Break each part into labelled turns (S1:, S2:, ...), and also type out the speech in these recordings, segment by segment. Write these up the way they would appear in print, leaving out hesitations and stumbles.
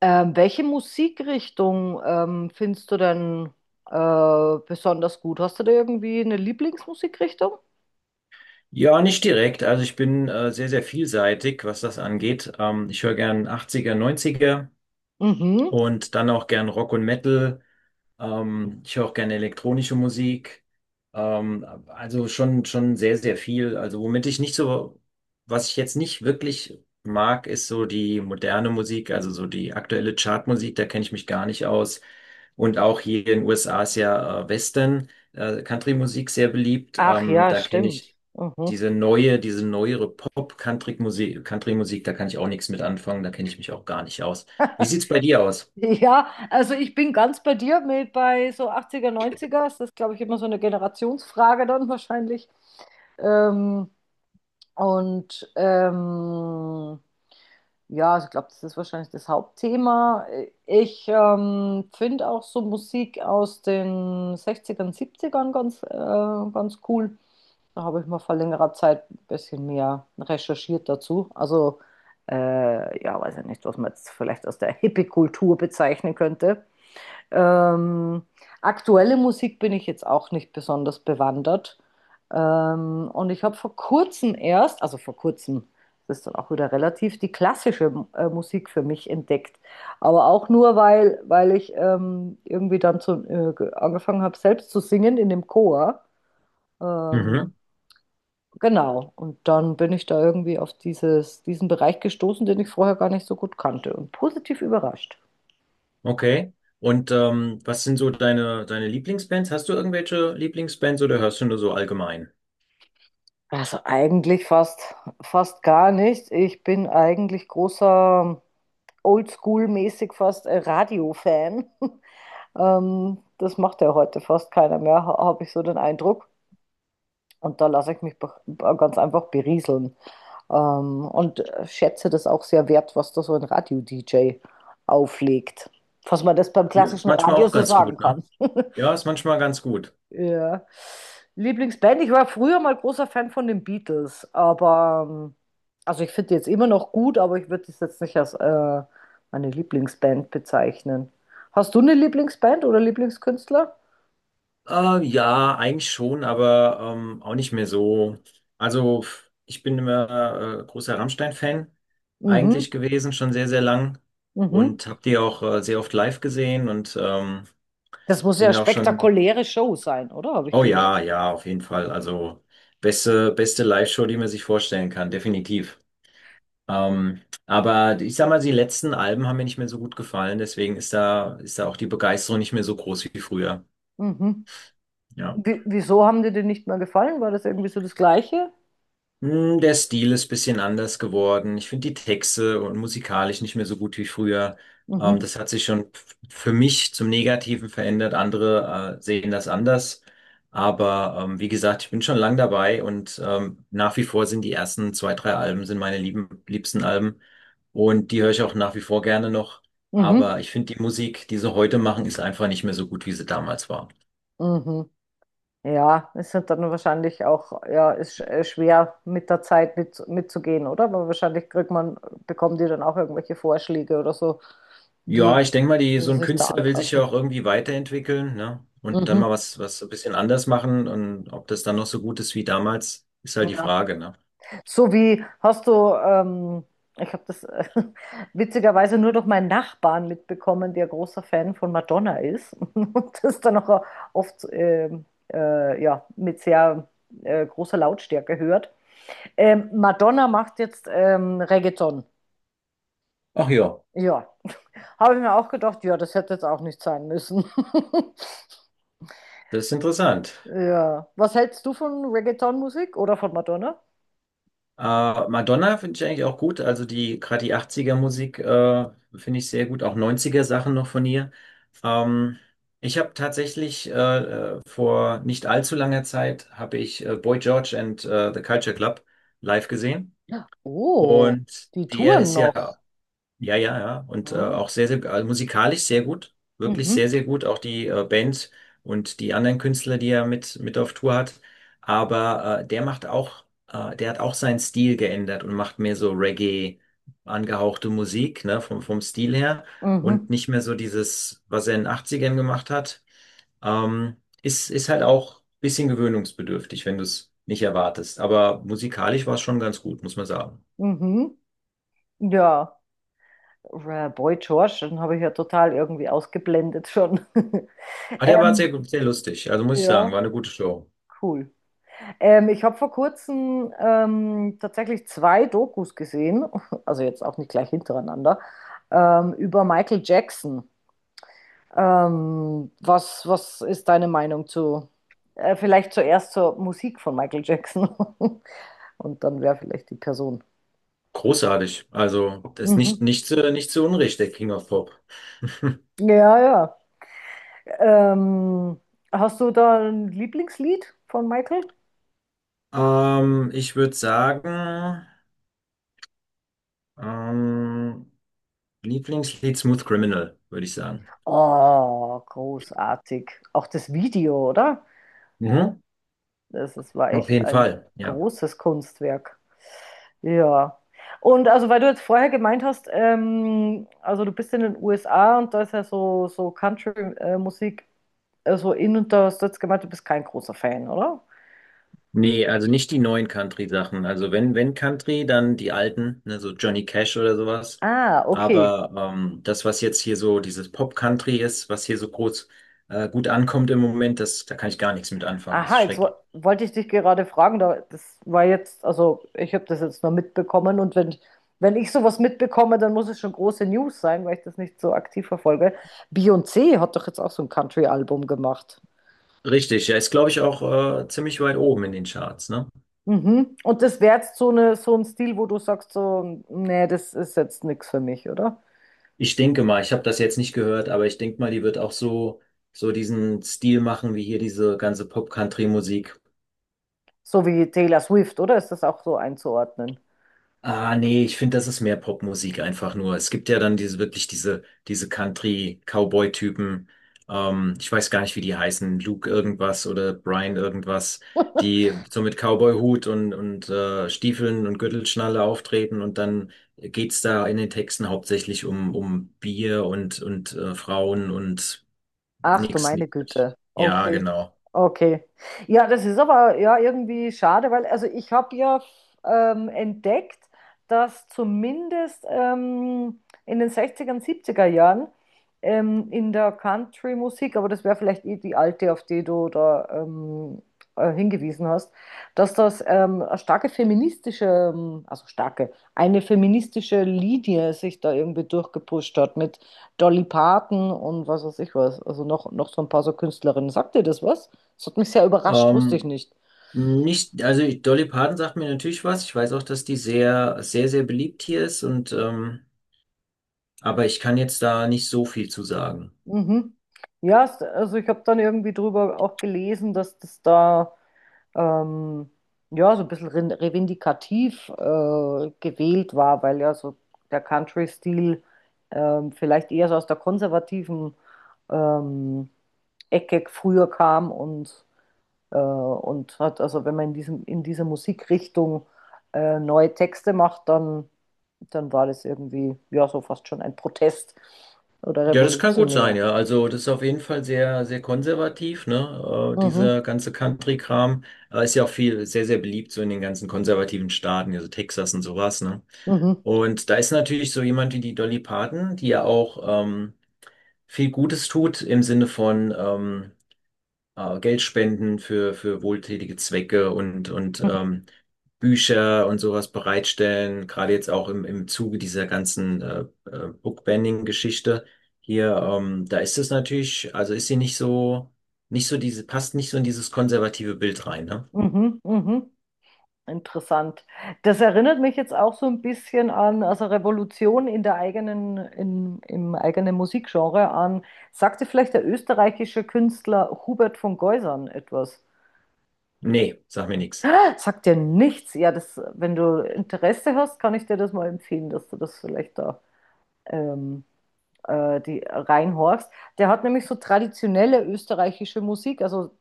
S1: Welche Musikrichtung findest du denn besonders gut? Hast du da irgendwie eine Lieblingsmusikrichtung?
S2: Ja, nicht direkt. Also ich bin sehr, sehr vielseitig, was das angeht. Ich höre gern 80er, 90er
S1: Mhm.
S2: und dann auch gern Rock und Metal. Ich höre auch gerne elektronische Musik. Also schon sehr, sehr viel. Also womit ich nicht so, was ich jetzt nicht wirklich mag, ist so die moderne Musik, also so die aktuelle Chartmusik, da kenne ich mich gar nicht aus. Und auch hier in den USA ist ja Western, Country-Musik sehr beliebt.
S1: Ach ja,
S2: Da kenne
S1: stimmt.
S2: ich
S1: Mhm.
S2: diese neuere Country-Musik, da kann ich auch nichts mit anfangen, da kenne ich mich auch gar nicht aus. Wie sieht's bei dir aus?
S1: Ja, also ich bin ganz bei dir mit bei so achtziger, neunziger. Das ist, glaube ich, immer so eine Generationsfrage dann wahrscheinlich. Ähm, und ähm, Ja, also ich glaube, das ist wahrscheinlich das Hauptthema. Ich finde auch so Musik aus den 60ern, 70 ganz, ganz cool. Da habe ich mal vor längerer Zeit ein bisschen mehr recherchiert dazu. Also, ja, weiß ja nicht, was man jetzt vielleicht aus der Hippie-Kultur bezeichnen könnte. Ähm, Aktuelle Musik bin ich jetzt auch nicht besonders bewandert. Und ich habe vor kurzem erst, also vor kurzem, das ist dann auch wieder relativ, die klassische Musik für mich entdeckt. Aber auch nur, weil ich irgendwie dann zu, angefangen habe, selbst zu singen in dem Chor. Ähm,
S2: Mhm.
S1: genau. Und dann bin ich da irgendwie auf diesen Bereich gestoßen, den ich vorher gar nicht so gut kannte und positiv überrascht.
S2: Okay. Und was sind so deine Lieblingsbands? Hast du irgendwelche Lieblingsbands oder hörst du nur so allgemein?
S1: Also eigentlich fast gar nicht. Ich bin eigentlich großer Oldschool-mäßig fast Radio-Fan. Das macht ja heute fast keiner mehr, habe ich so den Eindruck. Und da lasse ich mich ganz einfach berieseln. Schätze das auch sehr wert, was da so ein Radio-DJ auflegt. Was man das beim
S2: Ja, ist
S1: klassischen
S2: manchmal
S1: Radio
S2: auch
S1: so
S2: ganz
S1: sagen
S2: gut,
S1: kann.
S2: ne? Ja, ist manchmal ganz gut.
S1: Ja. Lieblingsband, ich war früher mal großer Fan von den Beatles, aber also ich finde die jetzt immer noch gut, aber ich würde das jetzt nicht als meine Lieblingsband bezeichnen. Hast du eine Lieblingsband oder Lieblingskünstler?
S2: Ja, eigentlich schon, aber auch nicht mehr so. Also, ich bin immer großer Rammstein-Fan
S1: Mhm,
S2: eigentlich gewesen, schon sehr, sehr lang.
S1: mhm.
S2: Und habe die auch sehr oft live gesehen und ähm,
S1: Das muss ja
S2: bin
S1: eine
S2: da auch schon.
S1: spektakuläre Show sein, oder? Habe ich
S2: Oh
S1: gehört.
S2: ja, ja, auf jeden Fall. Also, beste Live-Show, die man sich vorstellen kann, definitiv. Aber ich sag mal, die letzten Alben haben mir nicht mehr so gut gefallen, deswegen ist da auch die Begeisterung nicht mehr so groß wie früher.
S1: Mhm.
S2: Ja.
S1: Wie, wieso haben dir die nicht mehr gefallen? War das irgendwie so das Gleiche?
S2: Der Stil ist ein bisschen anders geworden. Ich finde die Texte und musikalisch nicht mehr so gut wie früher.
S1: Mhm,
S2: Das hat sich schon für mich zum Negativen verändert. Andere sehen das anders. Aber wie gesagt, ich bin schon lang dabei und nach wie vor sind die ersten zwei, drei Alben sind meine liebsten Alben. Und die höre ich auch nach wie vor gerne noch.
S1: mhm,
S2: Aber ich finde die Musik, die sie heute machen, ist einfach nicht mehr so gut, wie sie damals war.
S1: mhm. Ja, es sind dann wahrscheinlich auch, ja, ist schwer mit der Zeit mitzugehen, oder? Weil wahrscheinlich kriegt man, bekommen die dann auch irgendwelche Vorschläge oder so,
S2: Ja,
S1: wie,
S2: ich denke mal,
S1: wie
S2: so
S1: sie
S2: ein
S1: sich da
S2: Künstler will sich ja
S1: anpassen.
S2: auch irgendwie weiterentwickeln, ne? Und dann
S1: Mhm.
S2: mal was so ein bisschen anders machen, und ob das dann noch so gut ist wie damals, ist halt die
S1: Ja.
S2: Frage, ne?
S1: So wie hast du, ich habe das witzigerweise nur durch meinen Nachbarn mitbekommen, der großer Fan von Madonna ist und das dann auch oft ja, mit sehr großer Lautstärke hört. Madonna macht jetzt Reggaeton.
S2: Ach ja,
S1: Ja, habe ich mir auch gedacht, ja, das hätte jetzt auch nicht sein müssen.
S2: das ist interessant.
S1: Ja. Was hältst du von Reggaeton-Musik oder von Madonna?
S2: Äh, Madonna finde ich eigentlich auch gut. Also die, gerade die 80er Musik, finde ich sehr gut. Auch 90er Sachen noch von ihr. Ähm, ich habe tatsächlich vor nicht allzu langer Zeit habe ich Boy George and the Culture Club live gesehen.
S1: Oh,
S2: Und
S1: die
S2: der
S1: touren
S2: ist ja.
S1: noch.
S2: Ja, ja, ja. Und
S1: Hm.
S2: auch sehr, sehr, also musikalisch sehr gut. Wirklich
S1: Mhm,
S2: sehr, sehr gut. Auch die Band und die anderen Künstler, die er mit auf Tour hat. Aber der hat auch seinen Stil geändert und macht mehr so Reggae angehauchte Musik, ne, vom Stil her.
S1: mhm,
S2: Und nicht mehr so dieses, was er in den 80ern gemacht hat. Ähm, ist halt auch ein bisschen gewöhnungsbedürftig, wenn du es nicht erwartest. Aber musikalisch war es schon ganz gut, muss man sagen.
S1: mhm. Ja, Boy George, den habe ich ja total irgendwie ausgeblendet schon.
S2: Ah, der war
S1: Ähm,
S2: sehr lustig. Also muss ich
S1: ja,
S2: sagen, war eine gute Show.
S1: cool. Ich habe vor kurzem tatsächlich zwei Dokus gesehen, also jetzt auch nicht gleich hintereinander, über Michael Jackson. Was ist deine Meinung zu, vielleicht zuerst zur Musik von Michael Jackson und dann wäre vielleicht die Person.
S2: Großartig. Also, das ist
S1: Mhm.
S2: nicht zu Unrecht der King of Pop.
S1: Ja, ja. Ähm, Hast du da ein Lieblingslied von Michael?
S2: Ich würde sagen, ähm, Lieblingslied Smooth Criminal, würde ich sagen.
S1: Oh, großartig. Auch das Video, oder?
S2: Mhm.
S1: Das war
S2: Auf
S1: echt
S2: jeden
S1: ein
S2: Fall, ja.
S1: großes Kunstwerk. Ja. Und also, weil du jetzt vorher gemeint hast, also du bist in den USA und da ist ja so Country-Musik. Also in und da hast du jetzt gemeint, du bist kein großer Fan, oder?
S2: Nee, also nicht die neuen Country-Sachen. Wenn Country, dann die alten, ne, so Johnny Cash oder sowas.
S1: Ah, okay.
S2: Aber das, was jetzt hier so dieses Pop-Country ist, was hier so groß gut ankommt im Moment, da kann ich gar nichts mit anfangen. Das ist
S1: Aha, jetzt wo
S2: schrecklich.
S1: wollte ich dich gerade fragen, da, das war jetzt, also ich habe das jetzt nur mitbekommen wenn ich sowas mitbekomme, dann muss es schon große News sein, weil ich das nicht so aktiv verfolge. Beyoncé hat doch jetzt auch so ein Country-Album gemacht.
S2: Richtig, ja, ist glaube ich auch ziemlich weit oben in den Charts, ne?
S1: Mhm. Und das wäre jetzt so, so ein Stil, wo du sagst, so, nee, das ist jetzt nichts für mich, oder?
S2: Ich denke mal, ich habe das jetzt nicht gehört, aber ich denke mal, die wird auch so diesen Stil machen wie hier diese ganze Pop-Country-Musik.
S1: So wie Taylor Swift, oder? Ist das auch so einzuordnen?
S2: Ah, nee, ich finde, das ist mehr Popmusik einfach nur. Es gibt ja dann diese Country-Cowboy-Typen. Ich weiß gar nicht, wie die heißen. Luke irgendwas oder Brian irgendwas, die so mit Cowboy-Hut und Stiefeln und Gürtelschnalle auftreten, und dann geht's da in den Texten hauptsächlich um Bier und Frauen und
S1: Ach du meine
S2: nix.
S1: Güte.
S2: Ja,
S1: Okay.
S2: genau.
S1: Okay. Ja, das ist aber ja irgendwie schade, weil also ich habe ja entdeckt, dass zumindest in den sechziger er 70 Jahren in der Country-Musik, aber das wäre vielleicht eh die alte, auf die du da hingewiesen hast, dass das eine starke feministische, eine feministische Linie sich da irgendwie durchgepusht hat mit Dolly Parton und was weiß ich was, also noch so ein paar so Künstlerinnen. Sagt dir das was? Das hat mich sehr überrascht, wusste ich
S2: Ähm,
S1: nicht.
S2: Nicht, also Dolly Parton sagt mir natürlich was. Ich weiß auch, dass die sehr, sehr, sehr beliebt hier ist, und aber ich kann jetzt da nicht so viel zu sagen.
S1: Mhm. Ja, also ich habe dann irgendwie drüber auch gelesen, dass das da ähm, ja so ein bisschen revindikativ gewählt war, weil ja so der Country-Stil vielleicht eher so aus der konservativen ähm, Ecke früher kam und hat, also wenn man in diesem, in dieser Musikrichtung neue Texte macht, dann war das irgendwie, ja, so fast schon ein Protest oder
S2: Ja, das kann gut sein,
S1: revolutionär.
S2: ja. Also das ist auf jeden Fall sehr, sehr konservativ, ne?
S1: Mhm.
S2: Dieser ganze Country-Kram. Ist ja auch viel, sehr, sehr beliebt so in den ganzen konservativen Staaten, also Texas und sowas, ne?
S1: Mhm.
S2: Und da ist natürlich so jemand wie die Dolly Parton, die ja auch viel Gutes tut im Sinne von Geld spenden für wohltätige Zwecke und
S1: Mhm.
S2: Bücher und sowas bereitstellen, gerade jetzt auch im Zuge dieser ganzen Bookbanning-Geschichte hier, da ist es natürlich, also ist sie nicht so, nicht so diese, passt nicht so in dieses konservative Bild rein, ne?
S1: Mhm. Mhm. Interessant. Das erinnert mich jetzt auch so ein bisschen an, also Revolution in der eigenen, im eigenen Musikgenre an. Sagt dir vielleicht der österreichische Künstler Hubert von Geusern etwas?
S2: Nee, sag mir nichts.
S1: Sagt dir nichts? Ja, das, wenn du Interesse hast, kann ich dir das mal empfehlen, dass du das vielleicht da ähm, die reinhorchst. Der hat nämlich so traditionelle österreichische Musik, also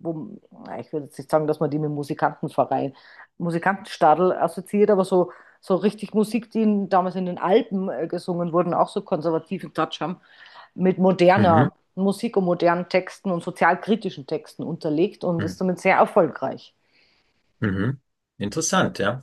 S1: wo, na, ich würde jetzt nicht sagen, dass man die mit Musikantenverein, Musikantenstadl assoziiert, aber so, so richtig Musik, die in, damals in den Alpen gesungen wurden, auch so konservativen Touch haben, mit
S2: Mhm.
S1: moderner Musik und modernen Texten und sozialkritischen Texten unterlegt und ist
S2: Mhm.
S1: damit sehr erfolgreich.
S2: Mhm. Interessant, ja.